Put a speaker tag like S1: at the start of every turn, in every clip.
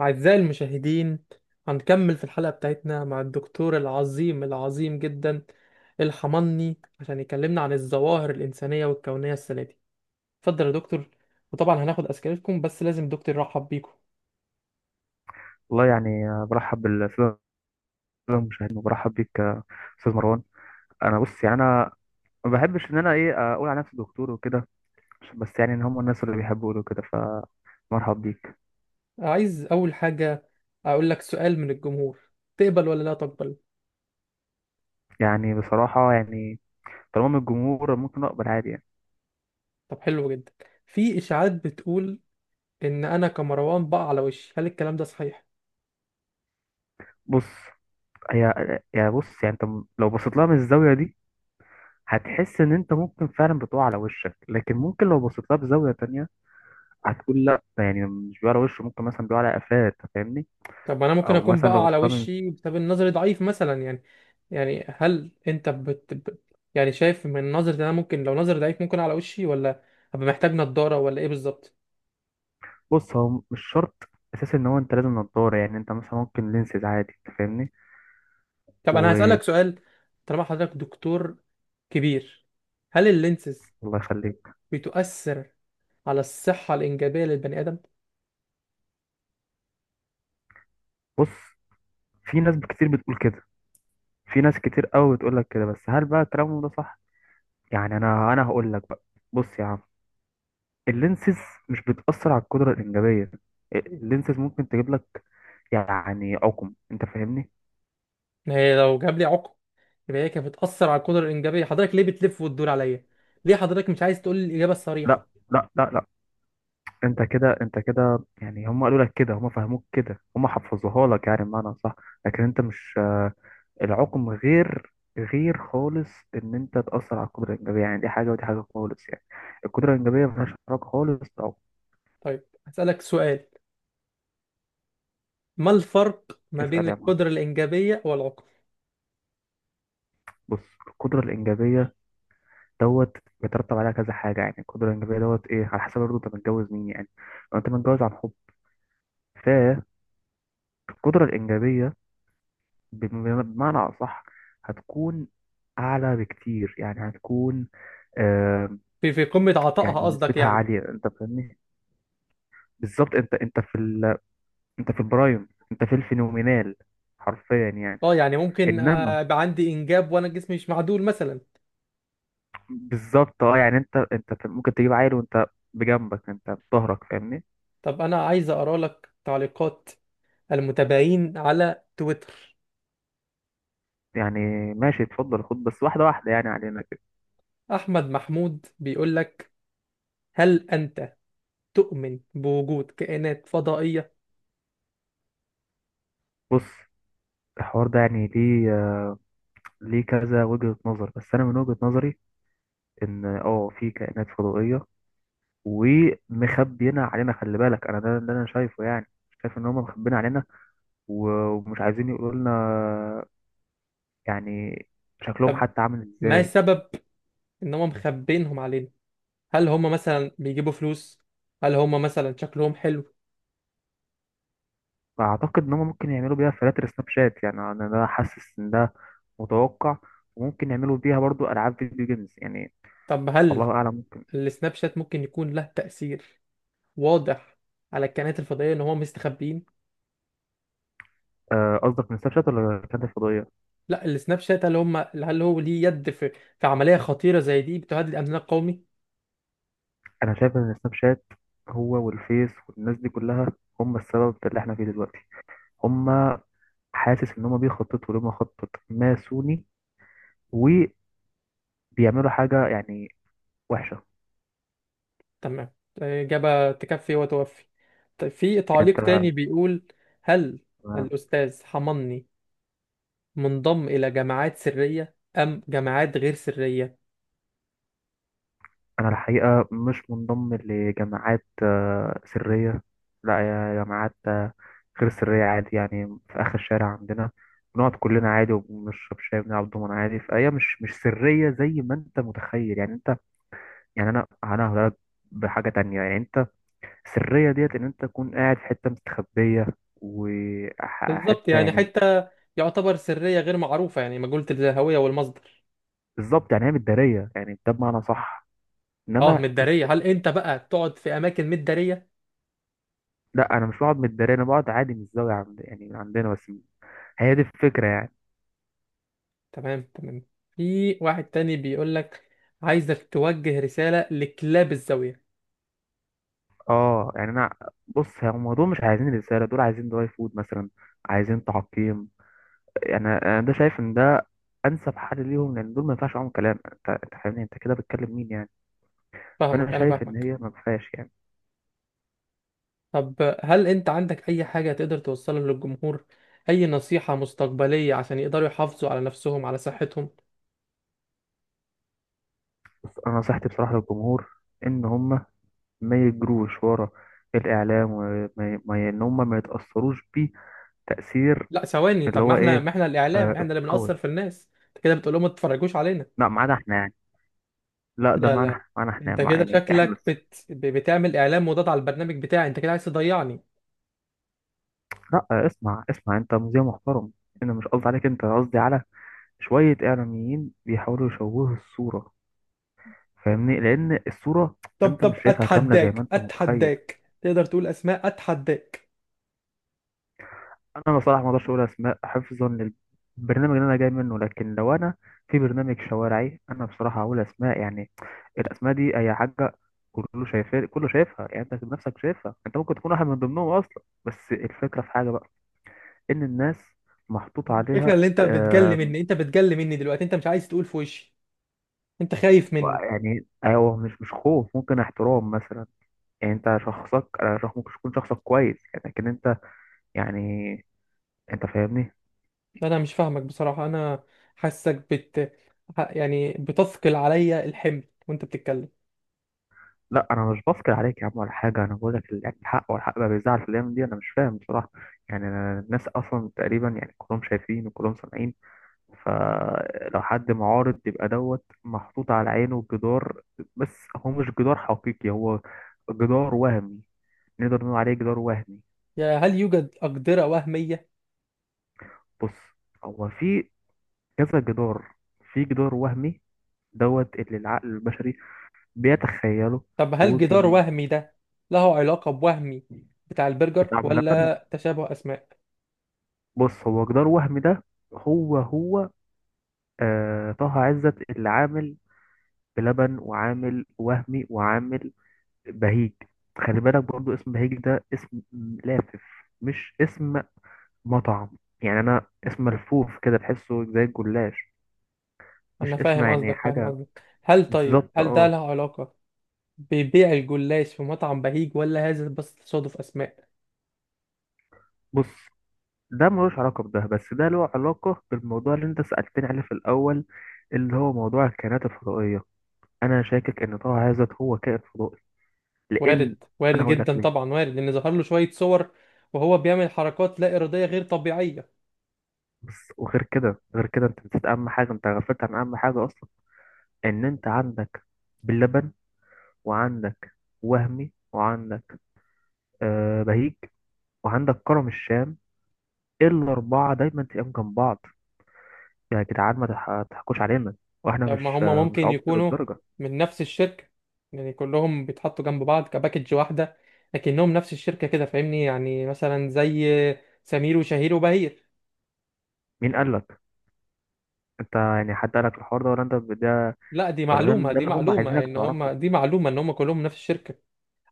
S1: أعزائي المشاهدين، هنكمل في الحلقة بتاعتنا مع الدكتور العظيم العظيم جدا الحمني عشان يكلمنا عن الظواهر الإنسانية والكونية السنة دي. اتفضل يا دكتور، وطبعا هناخد أسئلتكم بس لازم دكتور يرحب بيكم.
S2: والله برحب بالسادة المشاهدين وبرحب بيك يا استاذ مروان. انا بص، يعني ما بحبش ان انا اقول على نفسي دكتور وكده، بس يعني ان هم الناس اللي بيحبوا يقولوا كده. فمرحب بيك.
S1: عايز أول حاجة أقول لك سؤال من الجمهور، تقبل ولا لا تقبل؟
S2: يعني بصراحة، يعني طالما من الجمهور ممكن اقبل عادي يعني.
S1: طب حلو جدا. في إشاعات بتقول إن أنا كمروان بقع على وشي، هل الكلام ده صحيح؟
S2: بص، هي يعني، بص يعني انت لو بصيت لها من الزاوية دي هتحس ان انت ممكن فعلا بتقع على وشك، لكن ممكن لو بصيت لها بزاوية تانية هتقول لا، ده يعني مش بيقع على وشه، ممكن مثلا بيقع على قفاه. أنت فاهمني.
S1: طب ما انا ممكن
S2: او
S1: اكون
S2: مثلا لو
S1: بقى
S2: بصيت
S1: على
S2: لها من.
S1: وشي بسبب النظر ضعيف مثلا يعني. يعني هل انت بت... ب- يعني شايف من نظرة إن انا ممكن لو نظر ضعيف ممكن على وشي، ولا هبقى محتاج نضارة ولا ايه بالظبط؟
S2: بص هو مش شرط اساس ان هو انت لازم نضاره، يعني انت مثلا ممكن لينسز عادي. انت فاهمني.
S1: طب انا
S2: و
S1: هسألك سؤال، طالما حضرتك دكتور كبير، هل اللينسز
S2: الله يخليك.
S1: بتؤثر على الصحة الإنجابية للبني آدم؟
S2: بص، في ناس كتير بتقول كده، في ناس كتير قوي بتقول لك كده، بس هل بقى كلامهم ده صح؟ يعني انا هقول لك بقى. بص يا عم، اللينسز مش بتأثر على القدرة الإنجابية. اللينسز ممكن تجيب لك يعني عقم. انت فاهمني.
S1: ما هي لو جاب لي عقم يبقى هي كانت بتأثر على القدرة الإنجابية، حضرتك ليه بتلف وتدور عليا؟ ليه حضرتك مش عايز تقول لي الإجابة
S2: لا
S1: الصريحة؟
S2: لا لا لا انت كده يعني هم قالوا لك كده، هم فهموك كده، هم حفظوها لك يعني بمعنى صح. لكن انت مش. العقم غير، غير خالص، ان انت تاثر على القدره الانجابيه. يعني دي حاجه ودي حاجه خالص يعني. القدره الانجابيه ملهاش علاقه خالص بالعقم.
S1: طيب هسألك سؤال، ما الفرق ما بين
S2: اسال يا معلم.
S1: القدرة الإنجابية والعقم؟
S2: بص، القدره الانجابيه دوت بيترتب عليها كذا حاجه. يعني القدره الانجابيه دوت ايه على حسب برضه انت متجوز مين يعني. لو انت متجوز عن حب، فالقدره الانجابيه بمعنى اصح هتكون اعلى بكتير. يعني هتكون، آه.
S1: في في قمة عطائها
S2: يعني
S1: قصدك
S2: نسبتها
S1: يعني؟
S2: عاليه، انت فاهمني. بالظبط. انت انت في ال انت في البرايم، انت في الفينومينال حرفيا يعني.
S1: اه يعني ممكن
S2: انما
S1: يبقى عندي إنجاب وأنا جسمي مش معدول مثلا.
S2: بالظبط، اه يعني انت ممكن تجيب عيل وانت بجنبك، انت بظهرك، فاهمني.
S1: طب أنا عايز أقرأ لك تعليقات المتابعين على تويتر.
S2: يعني ماشي، اتفضل، خد بس واحده واحده يعني علينا كده.
S1: أحمد محمود بيقول لك، هل أنت تؤمن بوجود كائنات فضائية؟
S2: بص، الحوار ده يعني ليه ليه كذا وجهة نظر، بس انا من وجهة نظري ان اه في كائنات فضائية ومخبينا علينا. خلي بالك، انا ده انا شايفه، يعني شايف ان هم مخبيين علينا ومش عايزين يقولوا لنا يعني شكلهم
S1: طب
S2: حتى عامل
S1: ما
S2: ازاي.
S1: السبب إن هم مخبينهم علينا؟ هل هم مثلا بيجيبوا فلوس؟ هل هم مثلا شكلهم حلو؟
S2: فاعتقد ان هم ممكن يعملوا بيها فلاتر سناب شات، يعني انا ده حاسس ان ده متوقع، وممكن يعملوا بيها برضو العاب فيديو جيمز يعني.
S1: طب هل
S2: الله اعلم.
S1: السناب شات ممكن يكون له تأثير واضح على الكائنات الفضائيه ان هم مستخبيين؟
S2: آه، قصدك من سناب شات ولا كانت الفضائيه؟
S1: لا، السناب شات هل هم، هل هو ليه يد في عمليه خطيره زي دي بتهدد الامن القومي؟
S2: انا شايف ان سناب شات هو والفيس والناس دي كلها هم السبب في اللي احنا فيه دلوقتي. هم، حاسس ان هم بيخططوا لما خطط ماسوني، وبيعملوا حاجه يعني وحشه.
S1: تمام، اجابه تكفي وتوفي. طيب في
S2: يعني
S1: تعليق تاني بيقول، هل
S2: انت.
S1: الاستاذ حماني منضم الى جماعات سريه ام جماعات غير سريه؟
S2: أنا الحقيقة مش منضم لجماعات سرية، لا. يا جماعات غير سرية عادي، يعني في آخر الشارع عندنا بنقعد كلنا عادي وبنشرب شاي وبنلعب دومنا عادي. فهي مش سرية زي ما أنت متخيل. يعني أنت، يعني أنا هقولك بحاجة تانية. يعني أنت، السرية ديت إن أنت تكون قاعد في حتة مستخبية
S1: بالظبط،
S2: وحتة
S1: يعني
S2: يعني.
S1: حتى يعتبر سريه غير معروفه يعني مجهوله الهويه والمصدر.
S2: بالظبط يعني هي متدارية، يعني ده بمعنى صح.
S1: اه
S2: إنما
S1: مداريه،
S2: السر.
S1: هل انت بقى تقعد في اماكن مداريه؟
S2: لا، أنا مش بقعد متدارية، أنا بقعد عادي من الزاوية عند يعني من عندنا بس. هي دي الفكرة يعني.
S1: تمام تمام. في واحد تاني بيقول لك، عايزك توجه رسالة لكلاب الزاوية.
S2: اه يعني انا، بص هم دول مش عايزين رسالة، دول عايزين دراي فود مثلا، عايزين تعقيم. يعني انا ده شايف ان ده انسب حل ليهم، لان دول ما ينفعش معاهم كلام. انت فاهمني، انت كده بتكلم مين يعني؟ فانا
S1: فاهمك، أنا
S2: شايف ان
S1: فاهمك.
S2: هي ما فيهاش يعني.
S1: طب هل أنت عندك أي حاجة تقدر توصلها للجمهور؟ أي نصيحة مستقبلية عشان يقدروا يحافظوا على نفسهم على صحتهم؟
S2: بس انا نصيحتي بصراحة للجمهور ان هم ما يجروش ورا الاعلام، وما ي- ما ي- ان هم ما يتأثروش بيه تأثير،
S1: لا ثواني،
S2: اللي
S1: طب ما
S2: هو
S1: احنا
S2: ايه،
S1: ما احنا الإعلام،
S2: آه
S1: احنا اللي
S2: القوي.
S1: بنأثر في الناس. أنت كده بتقول لهم ما تتفرجوش علينا.
S2: لا، ما عدا احنا يعني. لا، ده
S1: لا
S2: معانا
S1: لا
S2: معانا احنا،
S1: أنت
S2: مع
S1: كده
S2: يعني احنا.
S1: شكلك بتعمل إعلام مضاد على البرنامج بتاعي، أنت كده عايز تضيعني.
S2: لا اسمع اسمع، انت مذيع محترم، انا مش قصدي عليك انت، أنا قصدي على شوية اعلاميين بيحاولوا يشوهوا الصورة. فاهمني؟ لان الصورة
S1: طب
S2: انت
S1: طب
S2: مش شايفها كاملة زي ما
S1: أتحداك،
S2: انت متخيل.
S1: أتحداك تقدر تقول أسماء، أتحداك.
S2: انا بصراحة ما اقدرش اقول اسماء حفظا للبرنامج اللي انا جاي منه، لكن لو انا في برنامج شوارعي انا بصراحة هقول اسماء. يعني الاسماء دي اي حاجة، كله شايفها، كله شايفها. يعني انت بنفسك شايفها، انت ممكن تكون واحد من ضمنهم اصلا. بس الفكرة في حاجة بقى، ان الناس محطوط عليها.
S1: الفكره اللي انت بتجلي مني، انت بتجلي مني دلوقتي، انت مش عايز تقول في وشي، انت خايف مني.
S2: يعني هو مش خوف، ممكن احترام مثلا. يعني انت شخصك، انا شخص ممكن تكون شخصك كويس يعني، لكن انت يعني، انت فاهمني.
S1: انا مش فاهمك بصراحه، انا حاسك يعني بتثقل عليا الحمل وانت بتتكلم.
S2: لا انا مش بفكر عليك يا عم ولا حاجه، انا بقول لك يعني الحق، والحق بقى بيزعل في الايام دي، انا مش فاهم بصراحه. يعني أنا الناس اصلا تقريبا يعني كلهم شايفين وكلهم سامعين، فلو حد معارض يبقى دوت محطوط على عينه جدار. بس هو مش جدار حقيقي، هو جدار وهمي. نقدر نقول عليه جدار وهمي.
S1: يا هل يوجد اقدره وهميه؟
S2: بص، هو في كذا جدار، في جدار وهمي دوت اللي العقل البشري بيتخيله
S1: طب هل جدار
S2: وبيتعب.
S1: وهمي ده له علاقه بوهمي بتاع البرجر،
S2: لبن.
S1: ولا تشابه اسماء؟
S2: بص، هو جدار وهمي ده، هو هو آه طه عزت اللي عامل بلبن وعامل وهمي وعامل بهيج. خلي بالك برضو، اسم بهيج ده اسم لافف، مش اسم مطعم. يعني انا اسم ملفوف كده تحسه زي الجلاش،
S1: انا
S2: مش اسم
S1: فاهم
S2: يعني
S1: قصدك، فاهم
S2: حاجة.
S1: قصدك. هل، طيب
S2: بالظبط
S1: هل ده
S2: اه.
S1: له علاقه ببيع الجلاش في مطعم بهيج، ولا هذا بس تصادف اسماء؟
S2: بص، ده ملوش علاقة بده، بس ده له علاقة بالموضوع اللي انت سألتني عليه في الأول، اللي هو موضوع الكائنات الفضائية. أنا شاكك إن طه هذا هو كائن فضائي، لأن.
S1: وارد،
S2: أنا
S1: وارد
S2: هقول لك
S1: جدا
S2: ليه.
S1: طبعا، وارد ان ظهر له شويه صور وهو بيعمل حركات لا اراديه غير طبيعيه.
S2: بس وغير كده، غير كده أنت نسيت أهم حاجة، أنت غفلت عن أهم حاجة أصلا. إن أنت عندك باللبن، وعندك وهمي، وعندك آه بهيج، وعندك كرم الشام. الأربعة دايما تلاقيهم جنب بعض. يا جدعان ما تح- تحكوش علينا، واحنا
S1: طب ما
S2: مش
S1: هم
S2: مش
S1: ممكن
S2: عبط
S1: يكونوا
S2: للدرجة.
S1: من نفس الشركه، يعني كلهم بيتحطوا جنب بعض كباكج واحده لكنهم نفس الشركه كده، فاهمني يعني مثلا زي سمير وشهير وبهير.
S2: مين قال لك انت؟ يعني حد قالك الحوار ده ولا انت ده؟
S1: لا دي
S2: ولا ده,
S1: معلومه،
S2: ده
S1: دي
S2: اللي هم
S1: معلومه
S2: عايزينك
S1: ان هم،
S2: تعرفه.
S1: دي معلومه ان هم كلهم نفس الشركه،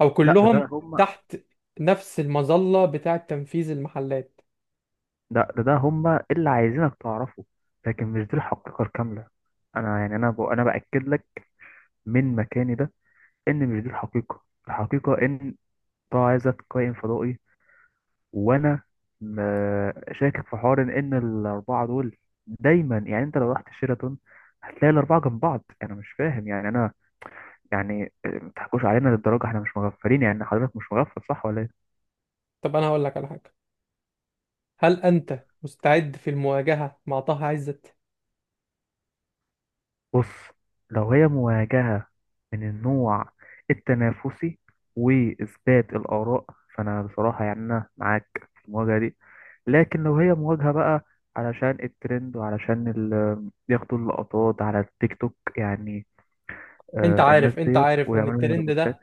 S1: او
S2: لا ده، ده
S1: كلهم
S2: هم
S1: تحت نفس المظله بتاعه تنفيذ المحلات.
S2: ده هم اللي عايزينك تعرفه، لكن مش دي الحقيقة الكاملة. انا يعني انا باكد لك من مكاني ده ان مش دي الحقيقة. الحقيقة ان ده عايزك كائن فضائي. وانا م... شاكك في حوار ان الاربعة دول دايما، يعني انت لو رحت شيراتون هتلاقي الاربعة جنب بعض. انا مش فاهم يعني انا، يعني ما تحكوش علينا للدرجة، احنا مش مغفلين. يعني حضرتك مش مغفل صح ولا ايه؟
S1: طب انا هقول لك على حاجه، هل انت مستعد في المواجهه مع طه عزت؟
S2: بص، لو هي مواجهة من النوع التنافسي وإثبات الآراء، فأنا بصراحة يعني أنا معاك في المواجهة دي. لكن لو هي مواجهة بقى علشان الترند وعلشان ياخدوا اللقطات على التيك توك يعني،
S1: انت
S2: آه الناس
S1: عارف، انت
S2: ديت
S1: عارف ان
S2: ويعملوا
S1: الترند
S2: ريبوستات.
S1: ده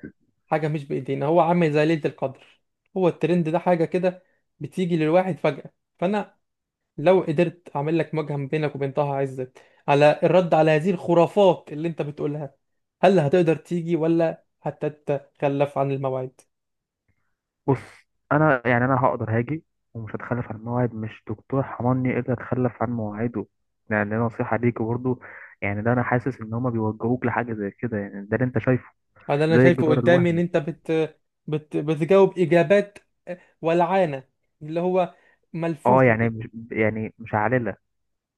S1: حاجه مش بايدينا، هو عامل زي ليله القدر، هو الترند ده حاجه كده بتيجي للواحد فجاه. فانا لو قدرت اعمل لك مواجهه ما بينك وبين طه عزت على الرد على هذه الخرافات اللي انت بتقولها، هل هتقدر تيجي ولا هتتخلف عن الموعد؟
S2: بص، أنا هقدر هاجي ومش هتخلف عن مواعيد. مش دكتور حماني اللي هتخلف عن مواعيده. يعني دي نصيحة ليك برضه. يعني ده أنا حاسس إن هما بيوجهوك لحاجة زي كده، يعني ده اللي أنت شايفه،
S1: انا، انا
S2: زي
S1: شايفه
S2: الجدار
S1: قدامي ان
S2: الوهمي.
S1: انت بتجاوب اجابات ولعانه اللي هو
S2: اه
S1: ملفوفه
S2: يعني
S1: كده.
S2: مش، يعني مش عاللة.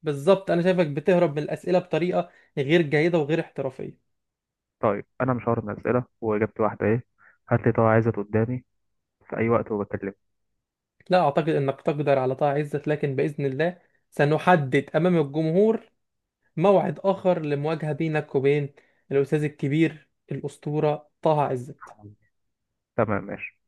S1: بالظبط، انا شايفك بتهرب من الاسئله بطريقه غير جيده وغير احترافيه.
S2: طيب انا مش هعرض اسئله واجابتي واحده ايه، هات لي طبعا، عايزة قدامي في اي وقت وبكلمك.
S1: لا أعتقد أنك تقدر على طه عزت، لكن بإذن الله سنحدد أمام الجمهور موعد آخر لمواجهة بينك وبين الأستاذ الكبير الأسطورة طه عزت.
S2: تمام ماشي.